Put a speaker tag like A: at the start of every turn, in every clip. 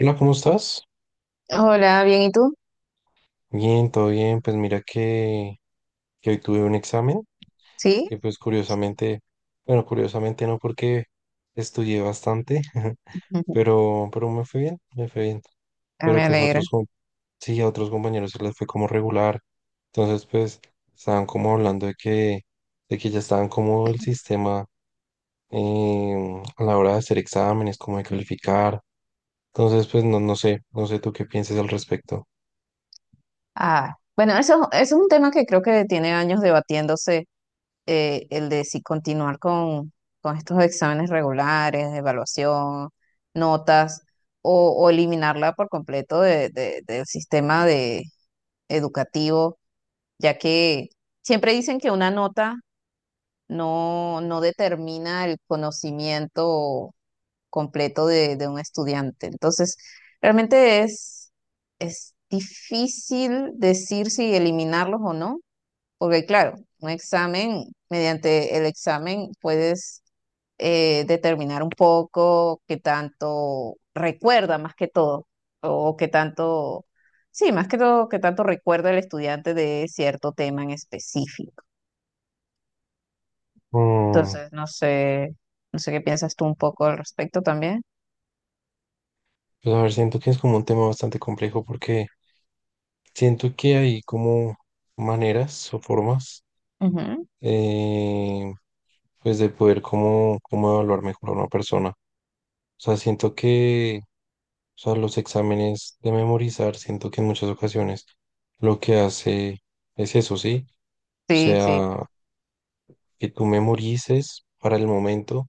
A: Hola, ¿cómo estás?
B: Hola, bien, ¿y tú?
A: Bien, todo bien. Pues mira que hoy tuve un examen
B: Sí.
A: y pues bueno, curiosamente no porque estudié bastante, pero me fue bien, me fue bien.
B: Ah,
A: Pero
B: me
A: pues a
B: alegra.
A: otros, sí, a otros compañeros se les fue como regular. Entonces pues estaban como hablando de que ya estaban como el sistema a la hora de hacer exámenes, como de calificar. Entonces pues no, no sé tú qué piensas al respecto.
B: Ah, bueno, eso es un tema que creo que tiene años debatiéndose, el de si continuar con estos exámenes regulares, evaluación, notas, o eliminarla por completo del sistema de, educativo, ya que siempre dicen que una nota no, no determina el conocimiento completo de un estudiante. Entonces, realmente es difícil decir si eliminarlos o no, porque claro, un examen, mediante el examen puedes determinar un poco qué tanto recuerda más que todo, o qué tanto, sí, más que todo, qué tanto recuerda el estudiante de cierto tema en específico.
A: Mm.
B: Entonces, no sé, no sé qué piensas tú un poco al respecto también.
A: Pues a ver, siento que es como un tema bastante complejo porque siento que hay como maneras o formas
B: Ujú.
A: eh, pues de poder como evaluar mejor a una persona. O sea, siento que o sea, los exámenes de memorizar, siento que en muchas ocasiones lo que hace es eso, ¿sí? O
B: Sí, sí.
A: sea, que tú memorices para el momento,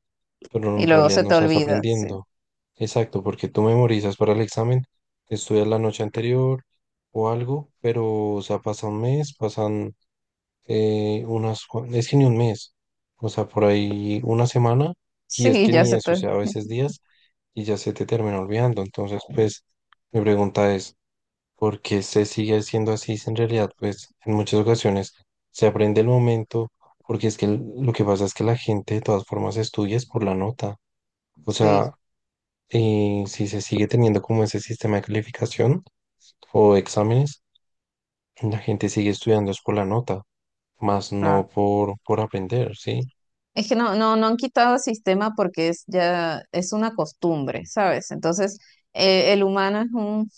A: pero
B: Y
A: en
B: luego
A: realidad
B: se
A: no
B: te
A: estás
B: olvida, sí.
A: aprendiendo. Exacto, porque tú memorizas para el examen, estudias la noche anterior o algo, pero, o sea, pasa un mes, pasan unas, es que ni un mes, o sea, por ahí una semana, y es
B: Sí,
A: que
B: ya
A: ni
B: se
A: eso, o
B: te...
A: sea, a veces días, y ya se te termina olvidando. Entonces, pues, mi pregunta es, porque se sigue haciendo así, si en realidad, pues en muchas ocasiones se aprende el momento, porque es que lo que pasa es que la gente de todas formas estudia es por la nota. O
B: Sí,
A: sea, si se sigue teniendo como ese sistema de calificación o exámenes, la gente sigue estudiando es por la nota, más
B: claro.
A: no por aprender, ¿sí?
B: Es que no, no, no han quitado el sistema porque es ya, es una costumbre, ¿sabes? Entonces, el humano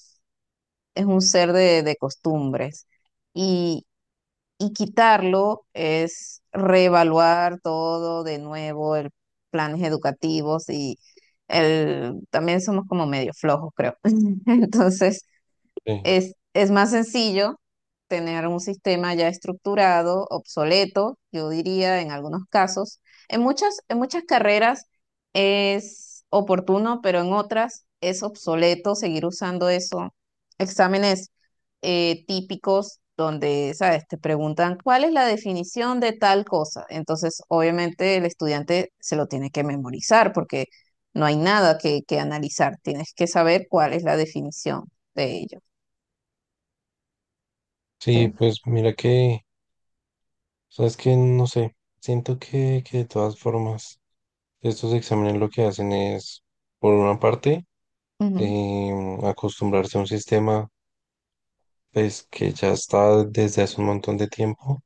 B: es un ser de costumbres. Y, y quitarlo es reevaluar todo de nuevo, el planes educativos y el, también somos como medio flojos, creo. Entonces,
A: Sí,
B: es más sencillo tener un sistema ya estructurado, obsoleto, yo diría en algunos casos. En muchas carreras es oportuno, pero en otras es obsoleto seguir usando eso. Exámenes típicos donde, ¿sabes? Te preguntan cuál es la definición de tal cosa. Entonces, obviamente el estudiante se lo tiene que memorizar porque no hay nada que, que analizar. Tienes que saber cuál es la definición de ello.
A: sí,
B: Sí.
A: pues mira que, sabes que, no sé, siento que de todas formas estos exámenes lo que hacen es, por una parte,
B: Ujú.
A: acostumbrarse a un sistema pues que ya está desde hace un montón de tiempo,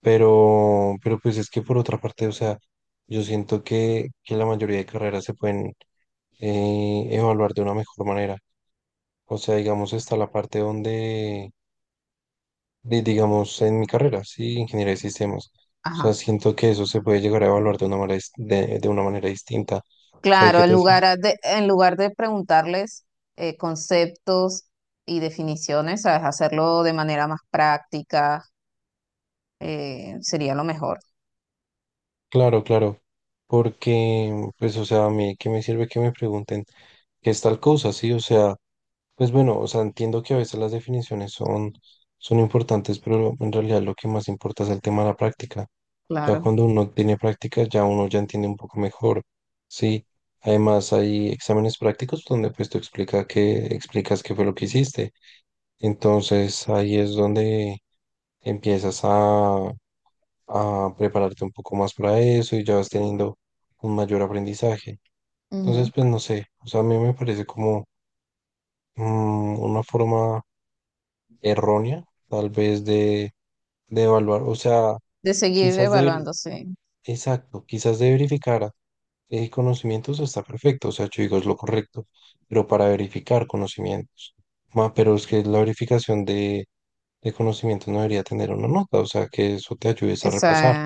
A: pero pues es que por otra parte, o sea, yo siento que la mayoría de carreras se pueden evaluar de una mejor manera. O sea, digamos, está la parte donde, digamos, en mi carrera, sí, ingeniería de sistemas. O
B: Ajá.
A: sea, siento que eso se puede llegar a evaluar de una manera, de una manera distinta. O sea,
B: Claro, en lugar de preguntarles conceptos y definiciones, ¿sabes? Hacerlo de manera más práctica sería lo mejor.
A: claro, claro, porque, pues, o sea, a mí, ¿qué me sirve que me pregunten qué es tal cosa? Sí, o sea, pues bueno, o sea, entiendo que a veces las definiciones son importantes, pero en realidad lo que más importa es el tema de la práctica. Ya
B: Claro.
A: cuando uno tiene práctica, ya uno ya entiende un poco mejor, ¿sí? Además, hay exámenes prácticos donde, pues, tú explicas qué fue lo que hiciste. Entonces, ahí es donde empiezas a prepararte un poco más para eso y ya vas teniendo un mayor aprendizaje.
B: Ujú.
A: Entonces, pues no sé, o sea, a mí me parece como una forma errónea, tal vez, de evaluar, o sea,
B: De seguir
A: quizás de, ver-
B: evaluando, sí.
A: exacto, quizás de verificar conocimientos está perfecto, o sea, yo digo es lo correcto, pero para verificar conocimientos, pero es que la verificación de conocimientos no debería tener una nota, o sea, que eso te ayudes a repasar.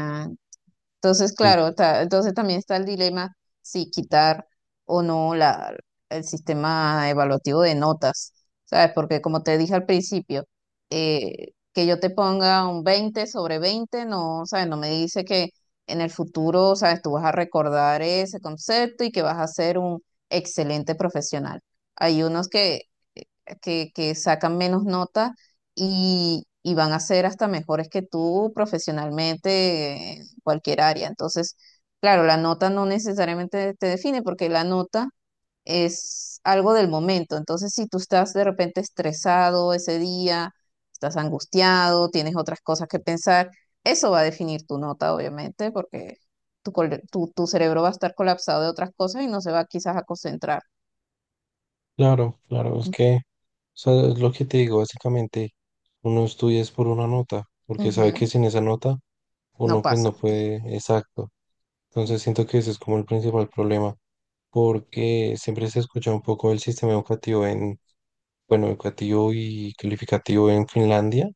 B: Entonces, claro, entonces también está el dilema si quitar o no la, el sistema evaluativo de notas, ¿sabes? Porque como te dije al principio, que yo te ponga un 20 sobre 20 no, ¿sabes? No me dice que en el futuro, ¿sabes? Tú vas a recordar ese concepto y que vas a ser un excelente profesional. Hay unos que, que sacan menos notas y van a ser hasta mejores que tú profesionalmente cualquier área. Entonces, claro, la nota no necesariamente te define porque la nota es algo del momento. Entonces, si tú estás de repente estresado ese día, estás angustiado, tienes otras cosas que pensar, eso va a definir tu nota, obviamente, porque tu cerebro va a estar colapsado de otras cosas y no se va quizás a concentrar.
A: Claro, claro, es que, o sea, es lo que te digo, básicamente, uno estudia es por una nota, porque sabe que
B: Ujú.
A: sin esa nota
B: No
A: uno pues
B: pasa.
A: no puede, exacto. Entonces siento que ese es como el principal problema, porque siempre se escucha un poco el sistema educativo en, bueno, educativo y calificativo en Finlandia,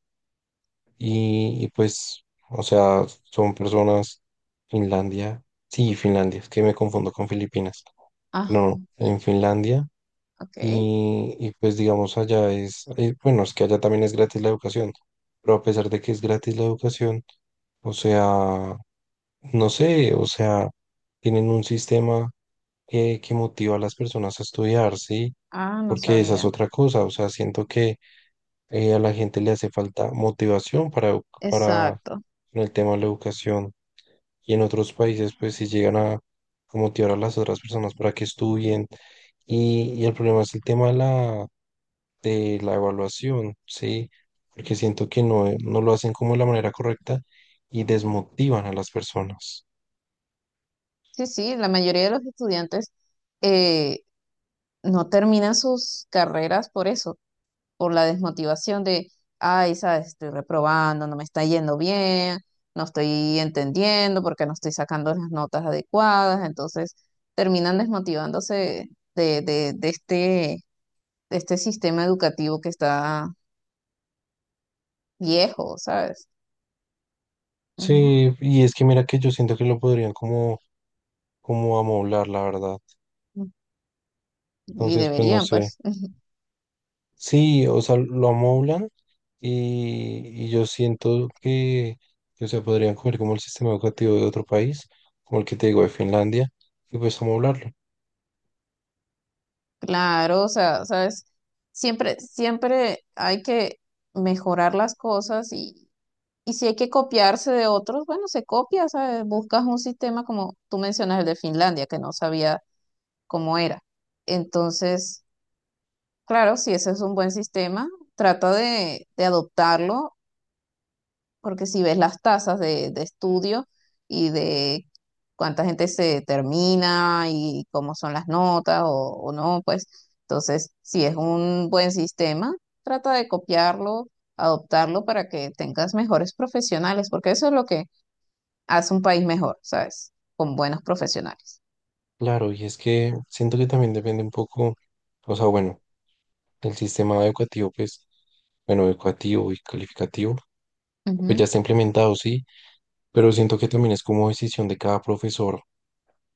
A: y pues, o sea, son personas, Finlandia, sí, Finlandia, es que me confundo con Filipinas,
B: Ah,
A: no, en Finlandia.
B: ok.
A: Y pues digamos allá es, bueno, es que allá también es gratis la educación, pero a pesar de que es gratis la educación, o sea, no sé, o sea, tienen un sistema que motiva a las personas a estudiar, ¿sí?
B: Ah, no
A: Porque esa es
B: sabía.
A: otra cosa, o sea, siento que a la gente le hace falta motivación para
B: Exacto.
A: en el tema de la educación y en otros países pues si llegan a motivar a las otras personas para que estudien y el problema es el tema de la evaluación, ¿sí? Porque siento que no lo hacen como de la manera correcta y desmotivan a las personas.
B: Sí, sí, la mayoría de los estudiantes, eh, no terminan sus carreras por eso, por la desmotivación de, ay, sabes, estoy reprobando, no me está yendo bien, no estoy entendiendo porque no estoy sacando las notas adecuadas, entonces terminan desmotivándose de, de, de este, de este sistema educativo que está viejo, ¿sabes? Ujú.
A: Sí, y es que mira que yo siento que lo podrían como amoblar, la verdad.
B: Y
A: Entonces, pues no
B: deberían,
A: sé.
B: pues.
A: Sí, o sea, lo amoblan y yo siento que, o sea, podrían coger como el sistema educativo de otro país, como el que te digo de Finlandia, y pues amoblarlo.
B: Claro, o sea, sabes, siempre, siempre hay que mejorar las cosas y si hay que copiarse de otros, bueno, se copia, ¿sabes? Buscas un sistema como tú mencionas el de Finlandia, que no sabía cómo era. Entonces, claro, si ese es un buen sistema, trata de adoptarlo, porque si ves las tasas de estudio y de cuánta gente se termina y cómo son las notas o no, pues entonces, si es un buen sistema, trata de copiarlo adoptarlo para que tengas mejores profesionales, porque eso es lo que hace un país mejor, ¿sabes? Con buenos profesionales.
A: Claro, y es que siento que también depende un poco, o sea, bueno. El sistema educativo, pues, bueno, educativo y calificativo, pues
B: Ujú.
A: ya está implementado, sí, pero siento que también es como decisión de cada profesor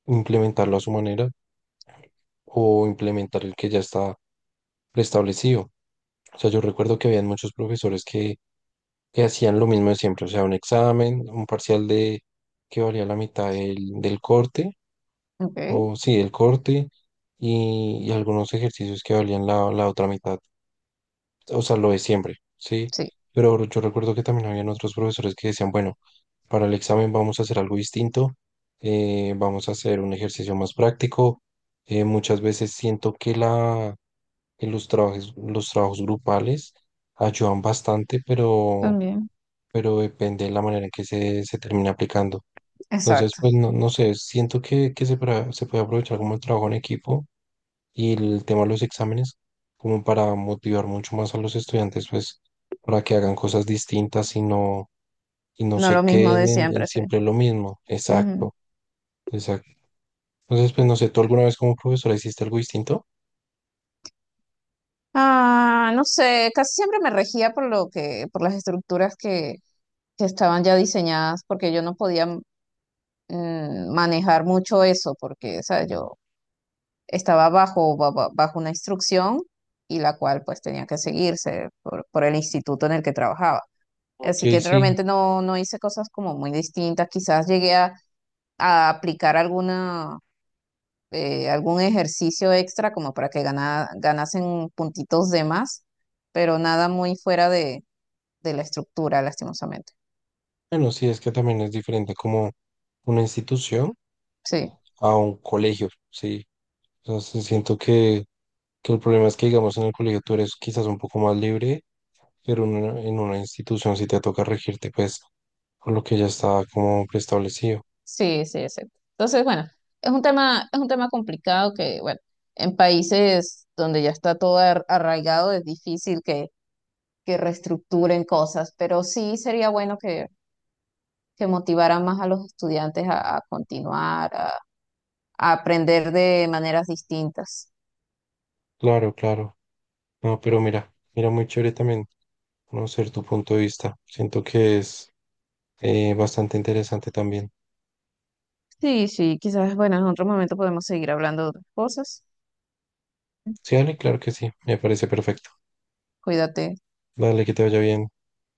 A: implementarlo a su manera o implementar el que ya está preestablecido. O sea, yo recuerdo que habían muchos profesores que hacían lo mismo de siempre, o sea, un examen, un parcial de que valía la mitad del corte,
B: Ok,
A: o sí, del corte, y algunos ejercicios que valían la otra mitad. O sea, lo de siempre, ¿sí?
B: sí.
A: Pero yo recuerdo que también habían otros profesores que decían, bueno, para el examen vamos a hacer algo distinto, vamos a hacer un ejercicio más práctico. Muchas veces siento que los trabajos grupales ayudan bastante, pero,
B: También.
A: pero depende de la manera en que se termina aplicando. Entonces,
B: Exacto.
A: pues no sé, siento que se puede aprovechar como el trabajo en equipo y el tema de los exámenes, como para motivar mucho más a los estudiantes, pues, para que hagan cosas distintas y no
B: No lo
A: se
B: mismo de
A: queden en
B: siempre, sí.
A: siempre lo mismo.
B: Ujú.
A: Exacto, exacto. Entonces, pues, no sé, ¿tú alguna vez como profesora hiciste algo distinto?
B: Ah, no sé, casi siempre me regía por lo que, por las estructuras que estaban ya diseñadas, porque yo no podía manejar mucho eso, porque, o sea, yo estaba bajo, bajo una instrucción y la cual pues tenía que seguirse por el instituto en el que trabajaba.
A: Ok,
B: Así que
A: sí.
B: realmente no, no hice cosas como muy distintas. Quizás llegué a aplicar alguna, algún ejercicio extra como para que ganasen puntitos de más, pero nada muy fuera de la estructura, lastimosamente.
A: Bueno, sí, es que también es diferente como una institución
B: Sí,
A: a un colegio, sí. Entonces, siento que el problema es que, digamos, en el colegio tú eres quizás un poco más libre pero en una institución sí te toca regirte, pues, por lo que ya está como preestablecido.
B: sí, sí, exacto. Entonces, bueno, es un tema complicado que, bueno, en países donde ya está todo arraigado es difícil que reestructuren cosas, pero sí sería bueno que motivaran más a los estudiantes a continuar, a aprender de maneras distintas.
A: Claro, claro. No, pero mira, mira, muy chévere también conocer tu punto de vista. Siento que es bastante interesante también.
B: Sí, sí, quizás, bueno, en otro momento podemos seguir hablando de otras cosas.
A: Sí, dale, claro que sí, me parece perfecto.
B: Cuídate.
A: Dale, que te vaya bien.